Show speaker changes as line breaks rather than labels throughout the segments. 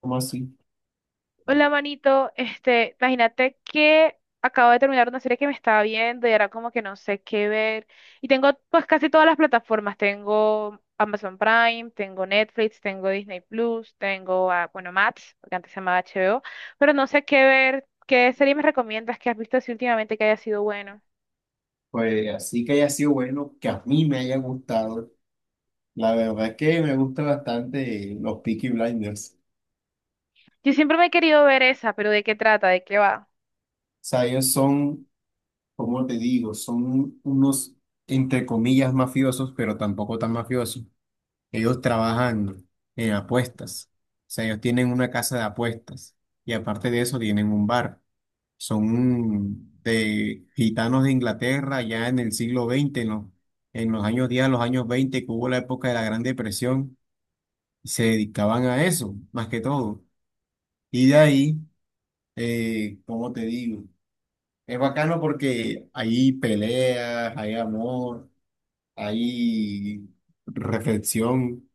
¿Cómo así?
Hola, manito. Imagínate que acabo de terminar una serie que me estaba viendo y era como que no sé qué ver. Y tengo pues casi todas las plataformas. Tengo Amazon Prime, tengo Netflix, tengo Disney Plus, tengo, bueno, Max, porque antes se llamaba HBO, pero no sé qué ver. ¿Qué serie me recomiendas que has visto así últimamente que haya sido bueno?
Pues así que haya sido bueno, que a mí me haya gustado. La verdad es que me gusta bastante los Peaky Blinders. O
Yo siempre me he querido ver esa, pero ¿de qué trata? ¿De qué va?
sea, ellos son, como te digo, son unos, entre comillas, mafiosos, pero tampoco tan mafiosos. Ellos trabajan en apuestas. O sea, ellos tienen una casa de apuestas y aparte de eso tienen un bar. Son de gitanos de Inglaterra ya en el siglo veinte, en los años 10, los años 20, que hubo la época de la Gran Depresión, y se dedicaban a eso, más que todo. Y de ahí, ¿cómo te digo? Es bacano porque hay peleas, hay amor, hay reflexión.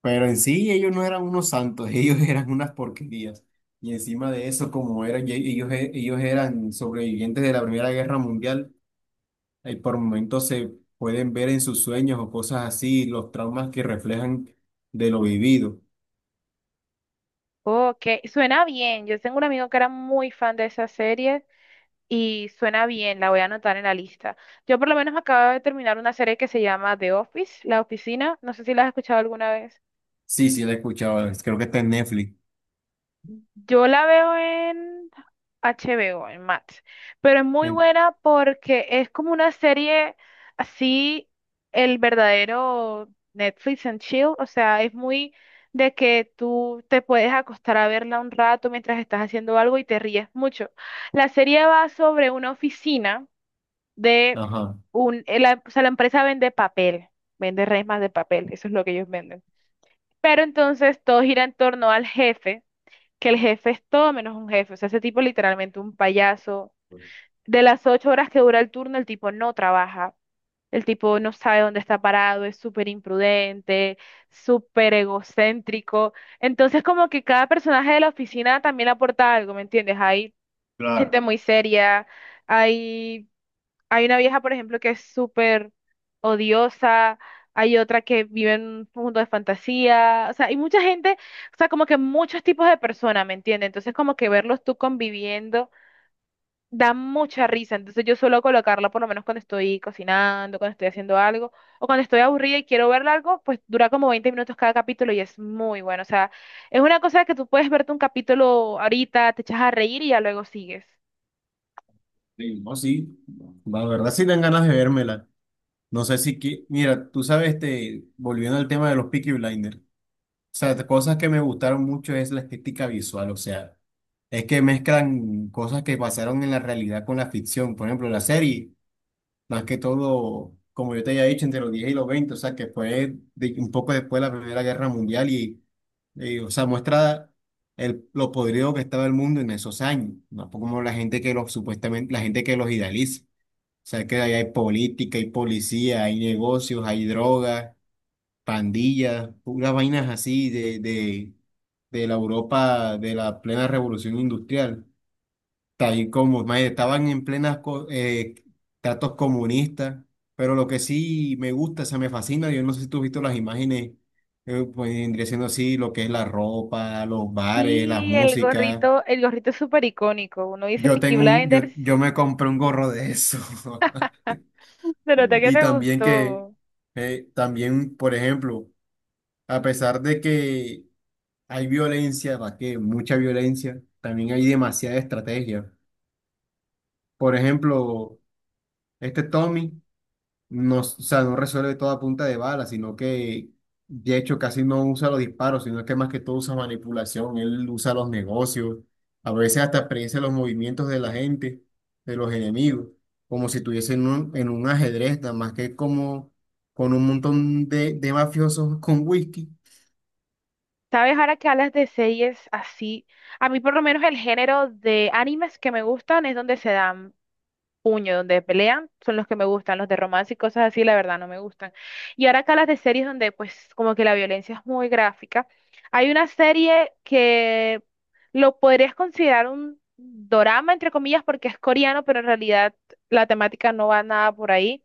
Pero en sí ellos no eran unos santos, ellos eran unas porquerías. Y encima de eso, como eran, ellos eran sobrevivientes de la Primera Guerra Mundial, y por momentos se pueden ver en sus sueños o cosas así, los traumas que reflejan de lo vivido.
Ok, suena bien. Yo tengo un amigo que era muy fan de esa serie. Y suena bien, la voy a anotar en la lista. Yo por lo menos acabo de terminar una serie que se llama The Office, La Oficina. No sé si la has escuchado alguna vez.
Sí, sí, la he escuchado, creo que está en Netflix.
Yo la veo en HBO, en Max. Pero es muy
En-
buena porque es como una serie así, el verdadero Netflix and chill. O sea, es muy de que tú te puedes acostar a verla un rato mientras estás haciendo algo y te ríes mucho. La serie va sobre una oficina de
ajá,
un, la, o sea, la empresa vende papel, vende resmas de papel, eso es lo que ellos venden. Pero entonces todo gira en torno al jefe, que el jefe es todo menos un jefe, o sea, ese tipo es literalmente un payaso. De las 8 horas que dura el turno, el tipo no trabaja, el tipo no sabe dónde está parado, es súper imprudente, súper egocéntrico. Entonces como que cada personaje de la oficina también aporta algo, ¿me entiendes? Hay
claro.
gente muy seria. Hay hay una vieja, por ejemplo, que es súper odiosa, hay otra que vive en un mundo de fantasía, o sea, hay mucha gente, o sea, como que muchos tipos de personas, ¿me entiendes? Entonces, como que verlos tú conviviendo da mucha risa, entonces yo suelo colocarla por lo menos cuando estoy cocinando, cuando estoy haciendo algo, o cuando estoy aburrida y quiero ver algo, pues dura como 20 minutos cada capítulo y es muy bueno, o sea, es una cosa que tú puedes verte un capítulo ahorita, te echas a reír y ya luego sigues.
Sí, no, sí. La verdad sí dan ganas de vérmela. No sé si que, mira, tú sabes, este, volviendo al tema de los Peaky Blinders. Sea, de cosas que me gustaron mucho es la estética visual, o sea, es que mezclan cosas que pasaron en la realidad con la ficción. Por ejemplo, la serie, más que todo, como yo te había dicho, entre los 10 y los veinte, o sea, que fue un poco después de la Primera Guerra Mundial o sea, muestra lo podrido que estaba el mundo en esos años, no como la gente que los, supuestamente, la gente que los idealiza. O sea, que ahí hay política, hay policía, hay negocios, hay drogas, pandillas, puras vainas así de la Europa de la plena revolución industrial. Tal como mae, estaban en plenas tratos comunistas, pero lo que sí me gusta, o sea, me fascina, yo no sé si tú has visto las imágenes, pues vendría siendo así lo que es la ropa, los bares, las
Sí,
músicas.
el gorrito es súper icónico. Uno dice
Yo
Peaky
tengo un, yo,
Blinders,
yo me compré un gorro de eso.
se nota que
Y
te
también que,
gustó.
también, por ejemplo, a pesar de que hay violencia, Raquel, mucha violencia. También hay demasiada estrategia. Por ejemplo, este Tommy no, o sea, no resuelve toda punta de bala, sino que de hecho casi no usa los disparos, sino que más que todo usa manipulación. Él usa los negocios, a veces hasta predice los movimientos de la gente, de los enemigos, como si estuviese en un ajedrez, nada más que como con un montón de mafiosos con whisky.
¿Sabes? Ahora que hablas de series así, a mí por lo menos el género de animes que me gustan es donde se dan puño, donde pelean, son los que me gustan, los de romance y cosas así, la verdad no me gustan. Y ahora acá las de series donde pues como que la violencia es muy gráfica. Hay una serie que lo podrías considerar un dorama, entre comillas, porque es coreano, pero en realidad la temática no va nada por ahí.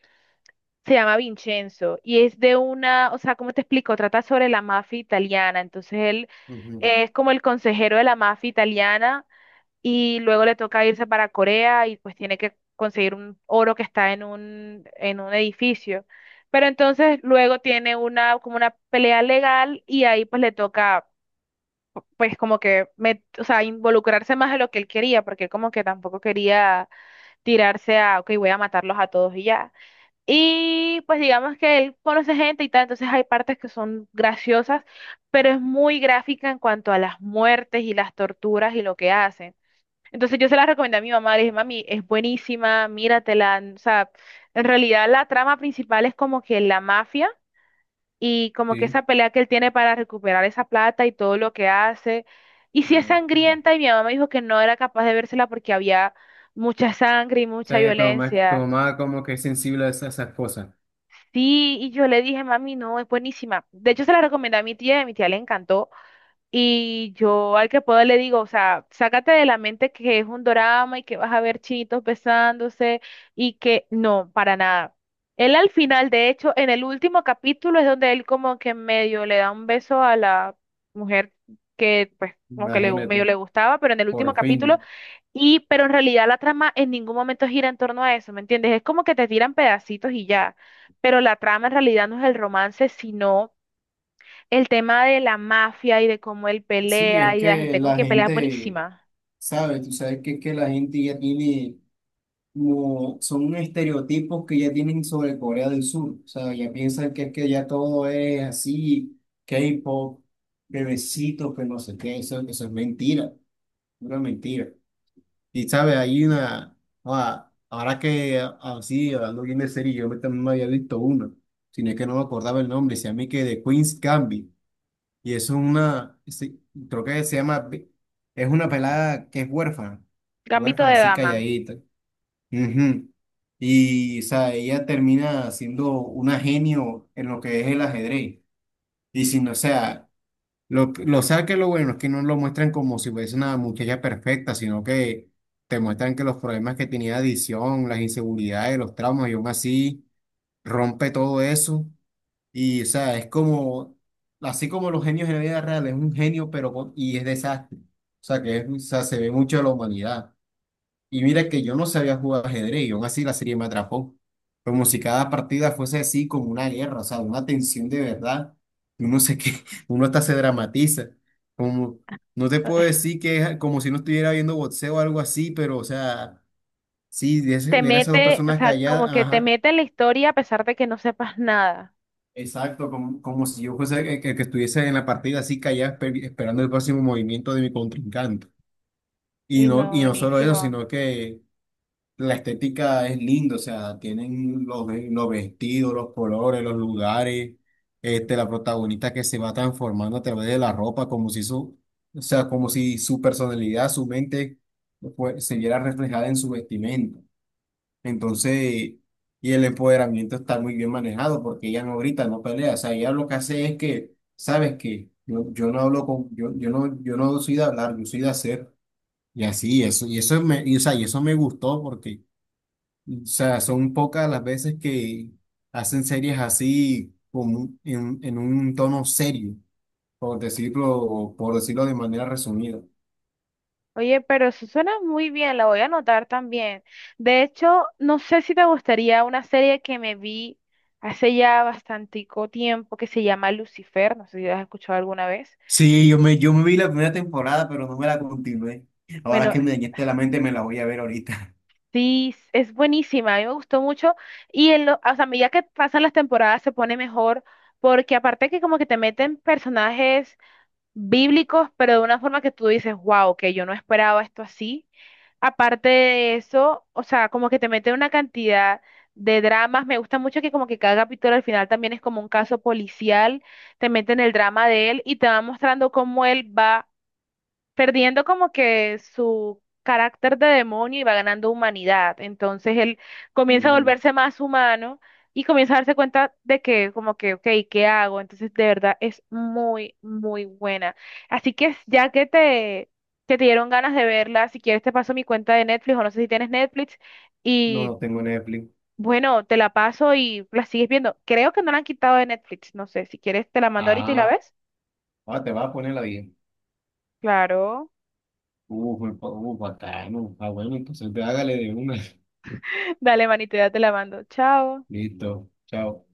Se llama Vincenzo y es de una, o sea, ¿cómo te explico? Trata sobre la mafia italiana, entonces él...
Ujú.
es como el consejero de la mafia italiana y luego le toca irse para Corea y pues tiene que conseguir un oro que está en un edificio. Pero entonces luego tiene una, como una pelea legal y ahí pues le toca pues como que o sea, involucrarse más de lo que él quería, porque él como que tampoco quería tirarse a, ok, voy a matarlos a todos y ya. Y pues digamos que él conoce gente y tal, entonces hay partes que son graciosas, pero es muy gráfica en cuanto a las muertes y las torturas y lo que hacen. Entonces yo se la recomendé a mi mamá, le dije, mami, es buenísima, míratela. O sea, en realidad la trama principal es como que la mafia y como que
Sí.
esa pelea que él tiene para recuperar esa plata y todo lo que hace. Y sí es
Ah, ok.
sangrienta y mi mamá me dijo que no era capaz de vérsela porque había mucha sangre y
O
mucha
sea, que tu
violencia.
mamá como que es sensible a esas cosas.
Sí, y yo le dije, mami, no, es buenísima. De hecho se la recomendé a mi tía y a mi tía le encantó. Y yo al que puedo le digo, o sea, sácate de la mente que es un drama y que vas a ver chinitos besándose y que no, para nada. Él al final, de hecho, en el último capítulo es donde él como que medio le da un beso a la mujer que pues como que le, medio
Imagínate,
le gustaba, pero en el
por
último capítulo,
fin.
y pero en realidad la trama en ningún momento gira en torno a eso, ¿me entiendes? Es como que te tiran pedacitos y ya, pero la trama en realidad no es el romance, sino el tema de la mafia y de cómo él
Sí,
pelea
es
y de la
que
gente con
la
quien pelea es
gente,
buenísima.
sabe, tú sabes que es que la gente ya tiene, como, son unos estereotipos que ya tienen sobre Corea del Sur. O sea, ya piensan que es que ya todo es así, K-pop, bebecitos, que no sé qué, eso es mentira, pura mentira. Y sabe, hay una, ahora que así, hablando bien de serie, yo me también me había visto una, sino que no me acordaba el nombre, se llama y que de Queen's Gambit, y es una, sí, creo que se llama, es una pelada que es huérfana,
Gambito
huérfana
de
así
dama.
calladita, ujú. Y, o sea, ella termina siendo una genio en lo que es el ajedrez, y si no, o sea, lo, lo sabes que lo bueno es que no lo muestran como si fuese una muchacha perfecta, sino que te muestran que los problemas que tenía de adicción, las inseguridades, los traumas, y aún así rompe todo eso. Y, o sea, es como, así como los genios en la vida real, es un genio, y es desastre. O sea, se ve mucho de la humanidad. Y mira que yo no sabía jugar ajedrez y aún así la serie me atrapó. Como si cada partida fuese así como una guerra, o sea, una tensión de verdad. Y Uno se que uno hasta se dramatiza. Como, no te puedo decir que es como si no estuviera viendo boxeo o algo así, pero o sea, sí,
Te
ver a esas dos
mete, o
personas
sea,
calladas,
como que te
ajá,
mete en la historia a pesar de que no sepas nada.
exacto, como si yo fuese el que estuviese en la partida así callada esperando el próximo movimiento de mi contrincante.
Uy, no,
Y no solo eso,
buenísimo.
sino que la estética es linda, o sea, tienen los vestidos, los colores, los lugares, este, la protagonista que se va transformando a través de la ropa, como si su, o sea, como si su personalidad, su mente, pues, se viera reflejada en su vestimenta. Entonces, y el empoderamiento está muy bien manejado porque ella no grita, no pelea, o sea, ella lo que hace es que, ¿sabes qué? Yo no hablo con, yo no soy de hablar, yo soy de hacer. Y así, eso, o sea, y eso me gustó porque o sea, son pocas las veces que hacen series así en un tono serio, por decirlo de manera resumida.
Oye, pero eso suena muy bien, la voy a anotar también. De hecho, no sé si te gustaría una serie que me vi hace ya bastantico tiempo que se llama Lucifer, no sé si la has escuchado alguna vez.
Sí, yo me vi la primera temporada, pero no me la continué. Ahora
Bueno,
que me dañaste la mente, me la voy a ver ahorita.
sí, es buenísima, a mí me gustó mucho y en lo, o sea, a medida que pasan las temporadas se pone mejor porque aparte que como que te meten personajes bíblicos, pero de una forma que tú dices, wow, que yo no esperaba esto así. Aparte de eso, o sea, como que te meten una cantidad de dramas, me gusta mucho que como que cada capítulo al final también es como un caso policial, te meten el drama de él y te va mostrando cómo él va perdiendo como que su carácter de demonio y va ganando humanidad. Entonces él comienza a
Ujú.
volverse más humano y comienza a darse cuenta de que como que, ok, ¿qué hago? Entonces de verdad es muy, muy buena. Así que ya que te dieron ganas de verla, si quieres te paso mi cuenta de Netflix o no sé si tienes Netflix
No,
y...
no tengo Netflix.
Bueno, te la paso y la sigues viendo. Creo que no la han quitado de Netflix. No sé, si quieres te la mando ahorita y la
Ah,
ves.
ahora te vas a poner la bien.
Claro.
Uf, bacano. Ah, bueno, entonces ve, hágale de una.
Dale, manito, ya te la mando. Chao.
Listo. Chao.